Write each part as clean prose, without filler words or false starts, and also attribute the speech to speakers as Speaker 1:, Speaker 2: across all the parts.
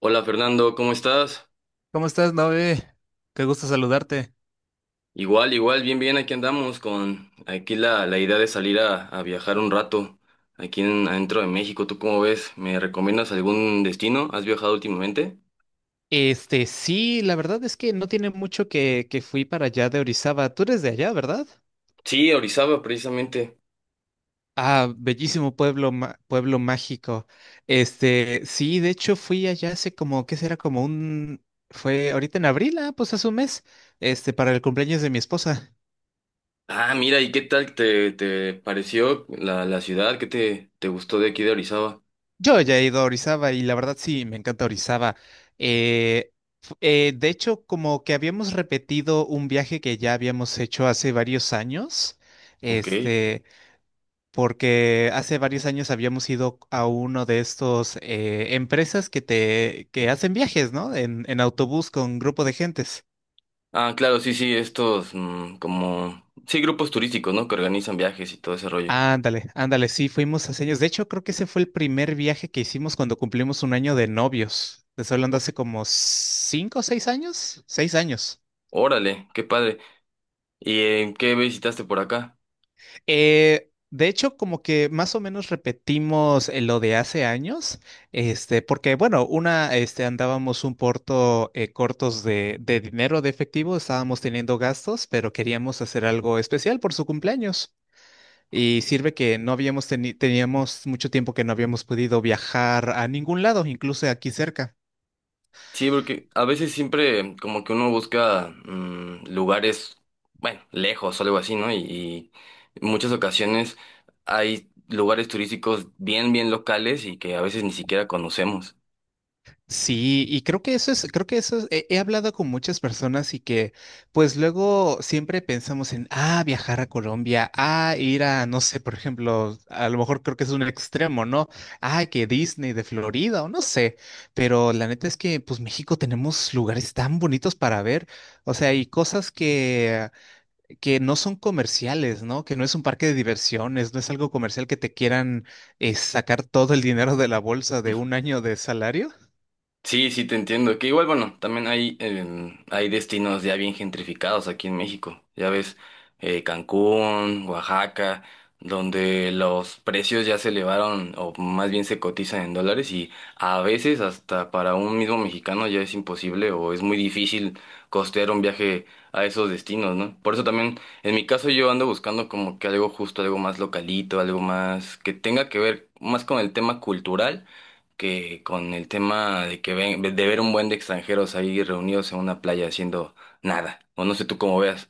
Speaker 1: Hola Fernando, ¿cómo estás?
Speaker 2: ¿Cómo estás, Nove? Qué gusto saludarte.
Speaker 1: Igual, igual, bien, bien, aquí andamos con aquí la idea de salir a viajar un rato aquí en, adentro de México. ¿Tú cómo ves? ¿Me recomiendas algún destino? ¿Has viajado últimamente?
Speaker 2: Este, sí, la verdad es que no tiene mucho que fui para allá de Orizaba. Tú eres de allá, ¿verdad?
Speaker 1: Sí, a Orizaba precisamente.
Speaker 2: Ah, bellísimo pueblo, pueblo mágico. Este, sí, de hecho fui allá hace como, ¿qué será? Fue ahorita en abril, pues hace un mes, este, para el cumpleaños de mi esposa.
Speaker 1: Ah, mira, ¿y qué tal te pareció la ciudad? ¿Qué te gustó de aquí de Orizaba?
Speaker 2: Yo ya he ido a Orizaba y la verdad sí, me encanta Orizaba. Eh, de hecho, como que habíamos repetido un viaje que ya habíamos hecho hace varios años,
Speaker 1: Ok.
Speaker 2: este, porque hace varios años habíamos ido a uno de estos empresas que hacen viajes, ¿no? En autobús con grupo de gentes.
Speaker 1: Ah, claro, sí, sí, estos como... Sí, grupos turísticos, ¿no? Que organizan viajes y todo ese rollo.
Speaker 2: Ándale, ándale, sí, fuimos hace años. De hecho, creo que ese fue el primer viaje que hicimos cuando cumplimos un año de novios. Te estoy hablando hace como 5 o 6 años, 6 años.
Speaker 1: Órale, qué padre. ¿Y qué visitaste por acá?
Speaker 2: De hecho, como que más o menos repetimos lo de hace años, este, porque bueno, este, andábamos un porto cortos de dinero de efectivo, estábamos teniendo gastos, pero queríamos hacer algo especial por su cumpleaños. Y sirve que no habíamos teníamos mucho tiempo que no habíamos podido viajar a ningún lado, incluso aquí cerca.
Speaker 1: Sí, porque a veces siempre como que uno busca lugares, bueno, lejos o algo así, ¿no? Y en muchas ocasiones hay lugares turísticos bien, bien locales y que a veces ni siquiera conocemos.
Speaker 2: Sí, y creo que eso es, he hablado con muchas personas y que pues luego siempre pensamos en viajar a Colombia, ir a, no sé, por ejemplo, a lo mejor creo que es un extremo, ¿no? Ah, que Disney de Florida o no sé, pero la neta es que pues México tenemos lugares tan bonitos para ver, o sea, y cosas que no son comerciales, ¿no? Que no es un parque de diversiones, no es algo comercial que te quieran sacar todo el dinero de la bolsa de un año de salario.
Speaker 1: Sí, sí, te entiendo. Que igual, bueno, también hay, hay destinos ya bien gentrificados aquí en México. Ya ves, Cancún, Oaxaca, donde los precios ya se elevaron, o más bien se cotizan en dólares, y a veces hasta para un mismo mexicano ya es imposible o es muy difícil costear un viaje a esos destinos, ¿no? Por eso también, en mi caso, yo ando buscando como que algo justo, algo más localito, algo más que tenga que ver más con el tema cultural que con el tema de que ven, de ver un buen de extranjeros ahí reunidos en una playa haciendo nada. O no sé tú cómo veas.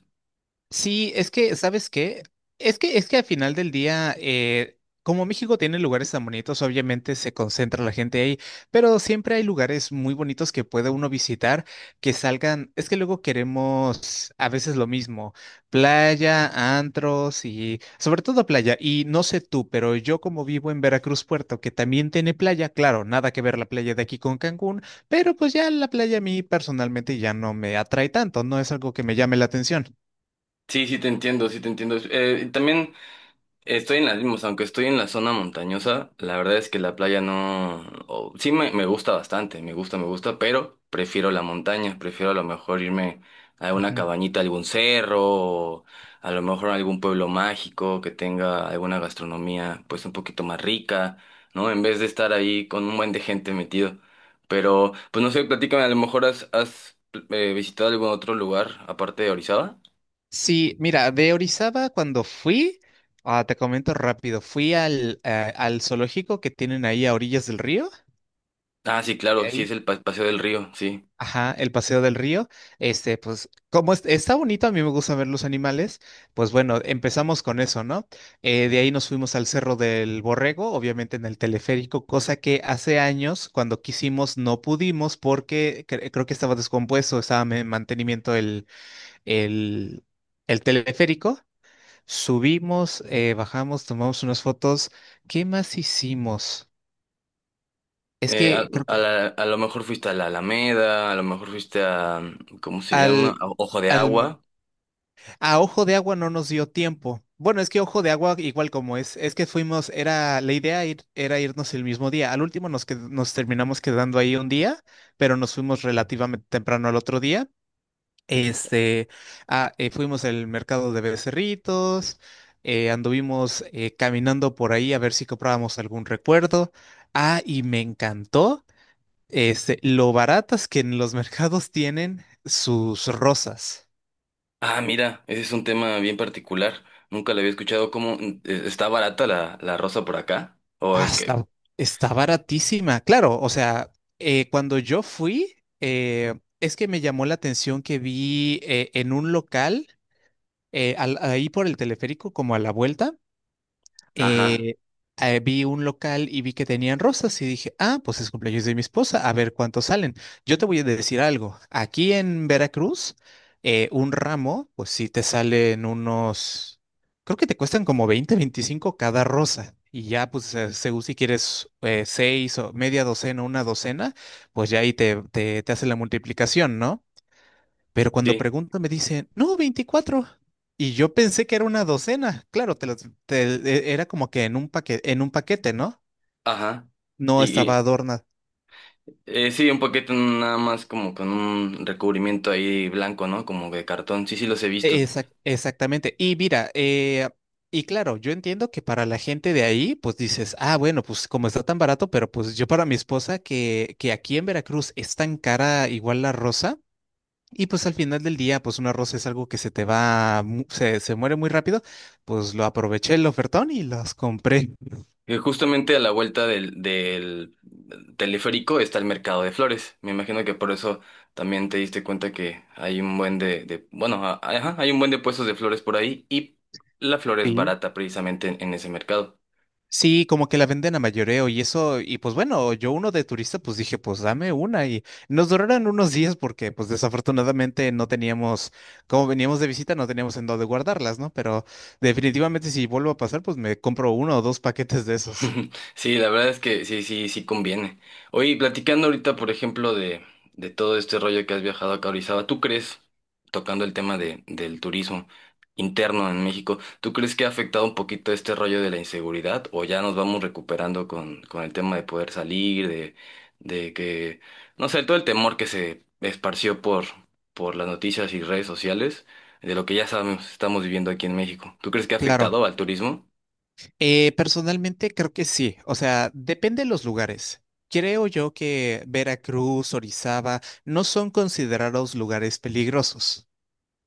Speaker 2: Sí, es que, ¿sabes qué? Es que al final del día, como México tiene lugares tan bonitos, obviamente se concentra la gente ahí, pero siempre hay lugares muy bonitos que puede uno visitar que salgan. Es que luego queremos a veces lo mismo, playa, antros y sobre todo playa. Y no sé tú, pero yo como vivo en Veracruz Puerto, que también tiene playa, claro, nada que ver la playa de aquí con Cancún, pero pues ya la playa a mí personalmente ya no me atrae tanto, no es algo que me llame la atención.
Speaker 1: Sí, sí te entiendo, sí te entiendo. También estoy en las mismas, aunque estoy en la zona montañosa, la verdad es que la playa no... sí me gusta bastante, me gusta, pero prefiero la montaña, prefiero a lo mejor irme a una cabañita, a algún cerro, o a lo mejor a algún pueblo mágico que tenga alguna gastronomía pues un poquito más rica, ¿no? En vez de estar ahí con un buen de gente metido. Pero, pues no sé, platícame, a lo mejor has visitado algún otro lugar aparte de Orizaba.
Speaker 2: Sí, mira, de Orizaba cuando fui, te comento rápido, fui al zoológico que tienen ahí a orillas del río,
Speaker 1: Ah, sí,
Speaker 2: de
Speaker 1: claro, sí, es
Speaker 2: ahí,
Speaker 1: el Paseo del Río, sí.
Speaker 2: ajá, el paseo del río, este, pues como está bonito, a mí me gusta ver los animales, pues bueno, empezamos con eso, ¿no? De ahí nos fuimos al Cerro del Borrego, obviamente en el teleférico, cosa que hace años cuando quisimos no pudimos porque creo que estaba descompuesto, estaba en mantenimiento el, el teleférico. Subimos, bajamos, tomamos unas fotos. ¿Qué más hicimos? Es
Speaker 1: A,
Speaker 2: que creo
Speaker 1: a
Speaker 2: que
Speaker 1: la- a lo mejor fuiste a la Alameda, a lo mejor fuiste a, ¿cómo se llama?
Speaker 2: al,
Speaker 1: A Ojo de
Speaker 2: al,
Speaker 1: Agua.
Speaker 2: a Ojo de Agua no nos dio tiempo. Bueno, es que Ojo de Agua, igual como es que fuimos, era, la idea era irnos el mismo día. Al último nos terminamos quedando ahí un día, pero nos fuimos relativamente temprano al otro día. Este, fuimos al mercado de Becerritos, anduvimos caminando por ahí a ver si comprábamos algún recuerdo. Ah, y me encantó, este, lo baratas que en los mercados tienen sus rosas.
Speaker 1: Ah, mira, ese es un tema bien particular. Nunca lo había escuchado. ¿Cómo está barata la rosa por acá? O
Speaker 2: Ah,
Speaker 1: qué
Speaker 2: está baratísima. Claro, o sea, cuando yo fui, es que me llamó la atención que vi en un local, ahí por el teleférico, como a la vuelta
Speaker 1: ajá,
Speaker 2: eh, vi un local y vi que tenían rosas y dije, ah, pues es cumpleaños de mi esposa, a ver cuántos salen. Yo te voy a decir algo, aquí en Veracruz, un ramo, pues sí te salen unos, creo que te cuestan como 20 25 cada rosa. Y ya, pues, según si quieres seis o media docena, una docena, pues ya ahí te hace la multiplicación, ¿no? Pero cuando
Speaker 1: sí,
Speaker 2: pregunto me dicen, no, 24. Y yo pensé que era una docena. Claro, te las- te- e- era como que en un paquete, ¿no?
Speaker 1: ajá.
Speaker 2: No
Speaker 1: Y, y,
Speaker 2: estaba adornada.
Speaker 1: sí, un paquete nada más como con un recubrimiento ahí blanco, ¿no? Como de cartón. Sí, sí, los he visto.
Speaker 2: Exactamente. Y mira, y claro, yo entiendo que para la gente de ahí, pues dices, ah, bueno, pues como está tan barato, pero pues yo para mi esposa, que aquí en Veracruz es tan cara igual la rosa, y pues al final del día, pues una rosa es algo que se te va, se muere muy rápido, pues lo aproveché el ofertón y las compré.
Speaker 1: Justamente a la vuelta del teleférico está el mercado de flores. Me imagino que por eso también te diste cuenta que hay un buen bueno, ajá, hay un buen de puestos de flores por ahí y la flor es
Speaker 2: Sí.
Speaker 1: barata precisamente en ese mercado.
Speaker 2: Sí, como que la venden a mayoreo y eso, y pues bueno, yo uno de turista, pues dije, pues dame una y nos duraron unos días porque pues desafortunadamente no teníamos, como veníamos de visita, no teníamos en dónde guardarlas, ¿no? Pero definitivamente si vuelvo a pasar, pues me compro uno o dos paquetes de esos.
Speaker 1: Sí, la verdad es que sí, sí, sí conviene. Oye, y platicando ahorita, por ejemplo, de todo este rollo que has viajado acá a Orizaba, ¿tú crees, tocando el tema de, del turismo interno en México, ¿tú crees que ha afectado un poquito este rollo de la inseguridad o ya nos vamos recuperando con el tema de poder salir, de que, no sé, todo el temor que se esparció por las noticias y redes sociales, de lo que ya sabemos, estamos viviendo aquí en México? ¿Tú crees que ha
Speaker 2: Claro,
Speaker 1: afectado al turismo?
Speaker 2: personalmente creo que sí, o sea, depende de los lugares. Creo yo que Veracruz, Orizaba, no son considerados lugares peligrosos.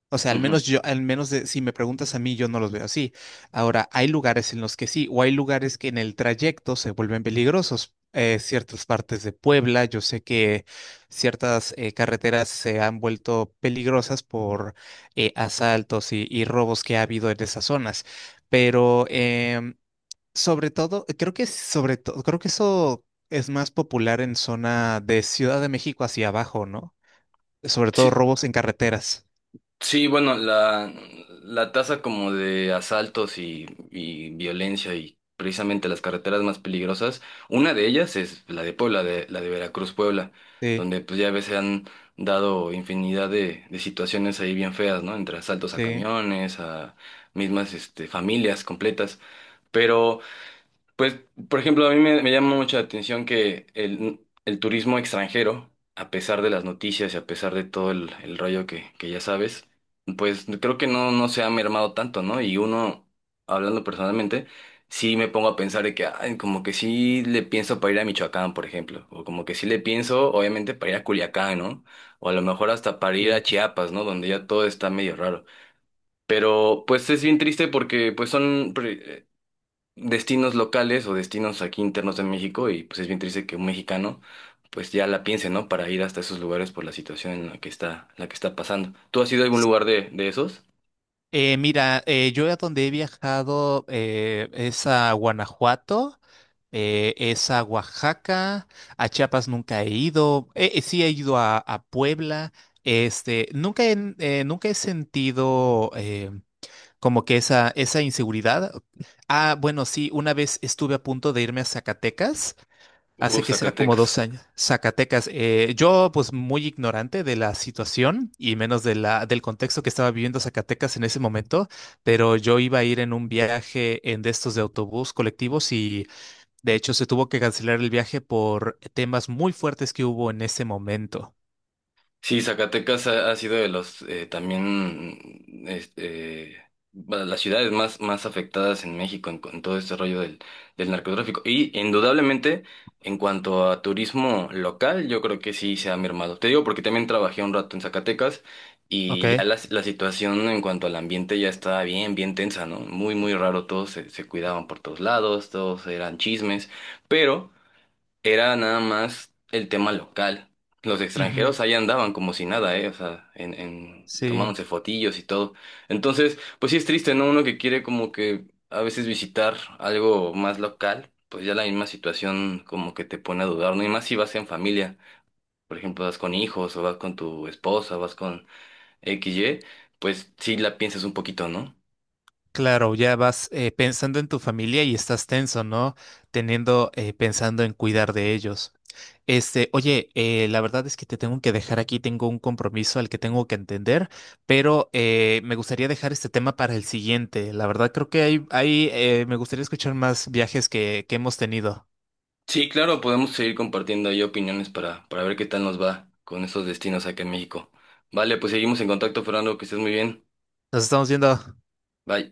Speaker 2: O sea, al
Speaker 1: Ujú.
Speaker 2: menos yo, al menos si me preguntas a mí, yo no los veo así. Ahora, hay lugares en los que sí, o hay lugares que en el trayecto se vuelven peligrosos. Ciertas partes de Puebla, yo sé que ciertas carreteras se han vuelto peligrosas por asaltos y robos que ha habido en esas zonas. Pero em, sobre todo, creo que eso es más popular en zona de Ciudad de México hacia abajo, ¿no? Sobre todo
Speaker 1: Sí,
Speaker 2: robos en carreteras.
Speaker 1: sí, bueno, la tasa como de asaltos y violencia y precisamente las carreteras más peligrosas, una de ellas es la de Puebla, de, la de Veracruz, Puebla,
Speaker 2: Sí,
Speaker 1: donde pues ya ves se han dado infinidad de situaciones ahí bien feas, ¿no? Entre asaltos a
Speaker 2: sí.
Speaker 1: camiones, a mismas este, familias completas. Pero pues, por ejemplo, a mí me, me llama mucho la atención que el turismo extranjero, a pesar de las noticias y a pesar de todo el rollo que ya sabes, pues creo que no, no se ha mermado tanto, ¿no? Y uno, hablando personalmente, sí me pongo a pensar de que, ay, como que sí le pienso para ir a Michoacán, por ejemplo, o como que sí le pienso, obviamente, para ir a Culiacán, ¿no? O a lo mejor hasta para ir a
Speaker 2: Sí.
Speaker 1: Chiapas, ¿no? Donde ya todo está medio raro. Pero pues es bien triste porque pues son destinos locales o destinos aquí internos de México y pues es bien triste que un mexicano pues ya la piense, ¿no? Para ir hasta esos lugares por la situación en la que está pasando. ¿Tú has ido a algún lugar de esos?
Speaker 2: Mira, yo a donde he viajado es a Guanajuato, es a Oaxaca, a Chiapas nunca he ido, sí he ido a Puebla, este, nunca he sentido como que esa inseguridad. Ah, bueno, sí, una vez estuve a punto de irme a Zacatecas. Hace que será como
Speaker 1: Zacatecas.
Speaker 2: 2 años. Zacatecas. Yo, pues, muy ignorante de la situación y menos del contexto que estaba viviendo Zacatecas en ese momento, pero yo iba a ir en un viaje en de estos de autobús colectivos y de hecho se tuvo que cancelar el viaje por temas muy fuertes que hubo en ese momento.
Speaker 1: Sí, Zacatecas ha, ha sido de los también este, bueno, las ciudades más, más afectadas en México en, con todo este rollo del, del narcotráfico. Y indudablemente, en cuanto a turismo local, yo creo que sí se ha mermado. Te digo porque también trabajé un rato en Zacatecas
Speaker 2: Ok.
Speaker 1: y ya la situación en cuanto al ambiente ya estaba bien, bien tensa, ¿no? Muy, muy raro, todos se, se cuidaban por todos lados, todos eran chismes, pero... Era nada más el tema local. Los
Speaker 2: Ujú.
Speaker 1: extranjeros ahí andaban como si nada, ¿eh? O sea, en
Speaker 2: Sí.
Speaker 1: tomándose fotillos y todo. Entonces, pues sí es triste, ¿no? Uno que quiere como que a veces visitar algo más local, pues ya la misma situación como que te pone a dudar, ¿no? Y más si vas en familia, por ejemplo, vas con hijos o vas con tu esposa, vas con XY, pues sí la piensas un poquito, ¿no?
Speaker 2: Claro, ya vas pensando en tu familia y estás tenso, ¿no? Teniendo, pensando en cuidar de ellos. Este, oye, la verdad es que te tengo que dejar aquí, tengo un compromiso al que tengo que entender, pero me gustaría dejar este tema para el siguiente. La verdad creo que me gustaría escuchar más viajes que hemos tenido.
Speaker 1: Sí, claro, podemos seguir compartiendo ahí opiniones para ver qué tal nos va con esos destinos acá en México. Vale, pues seguimos en contacto, Fernando, que estés muy bien.
Speaker 2: Nos estamos viendo.
Speaker 1: Bye.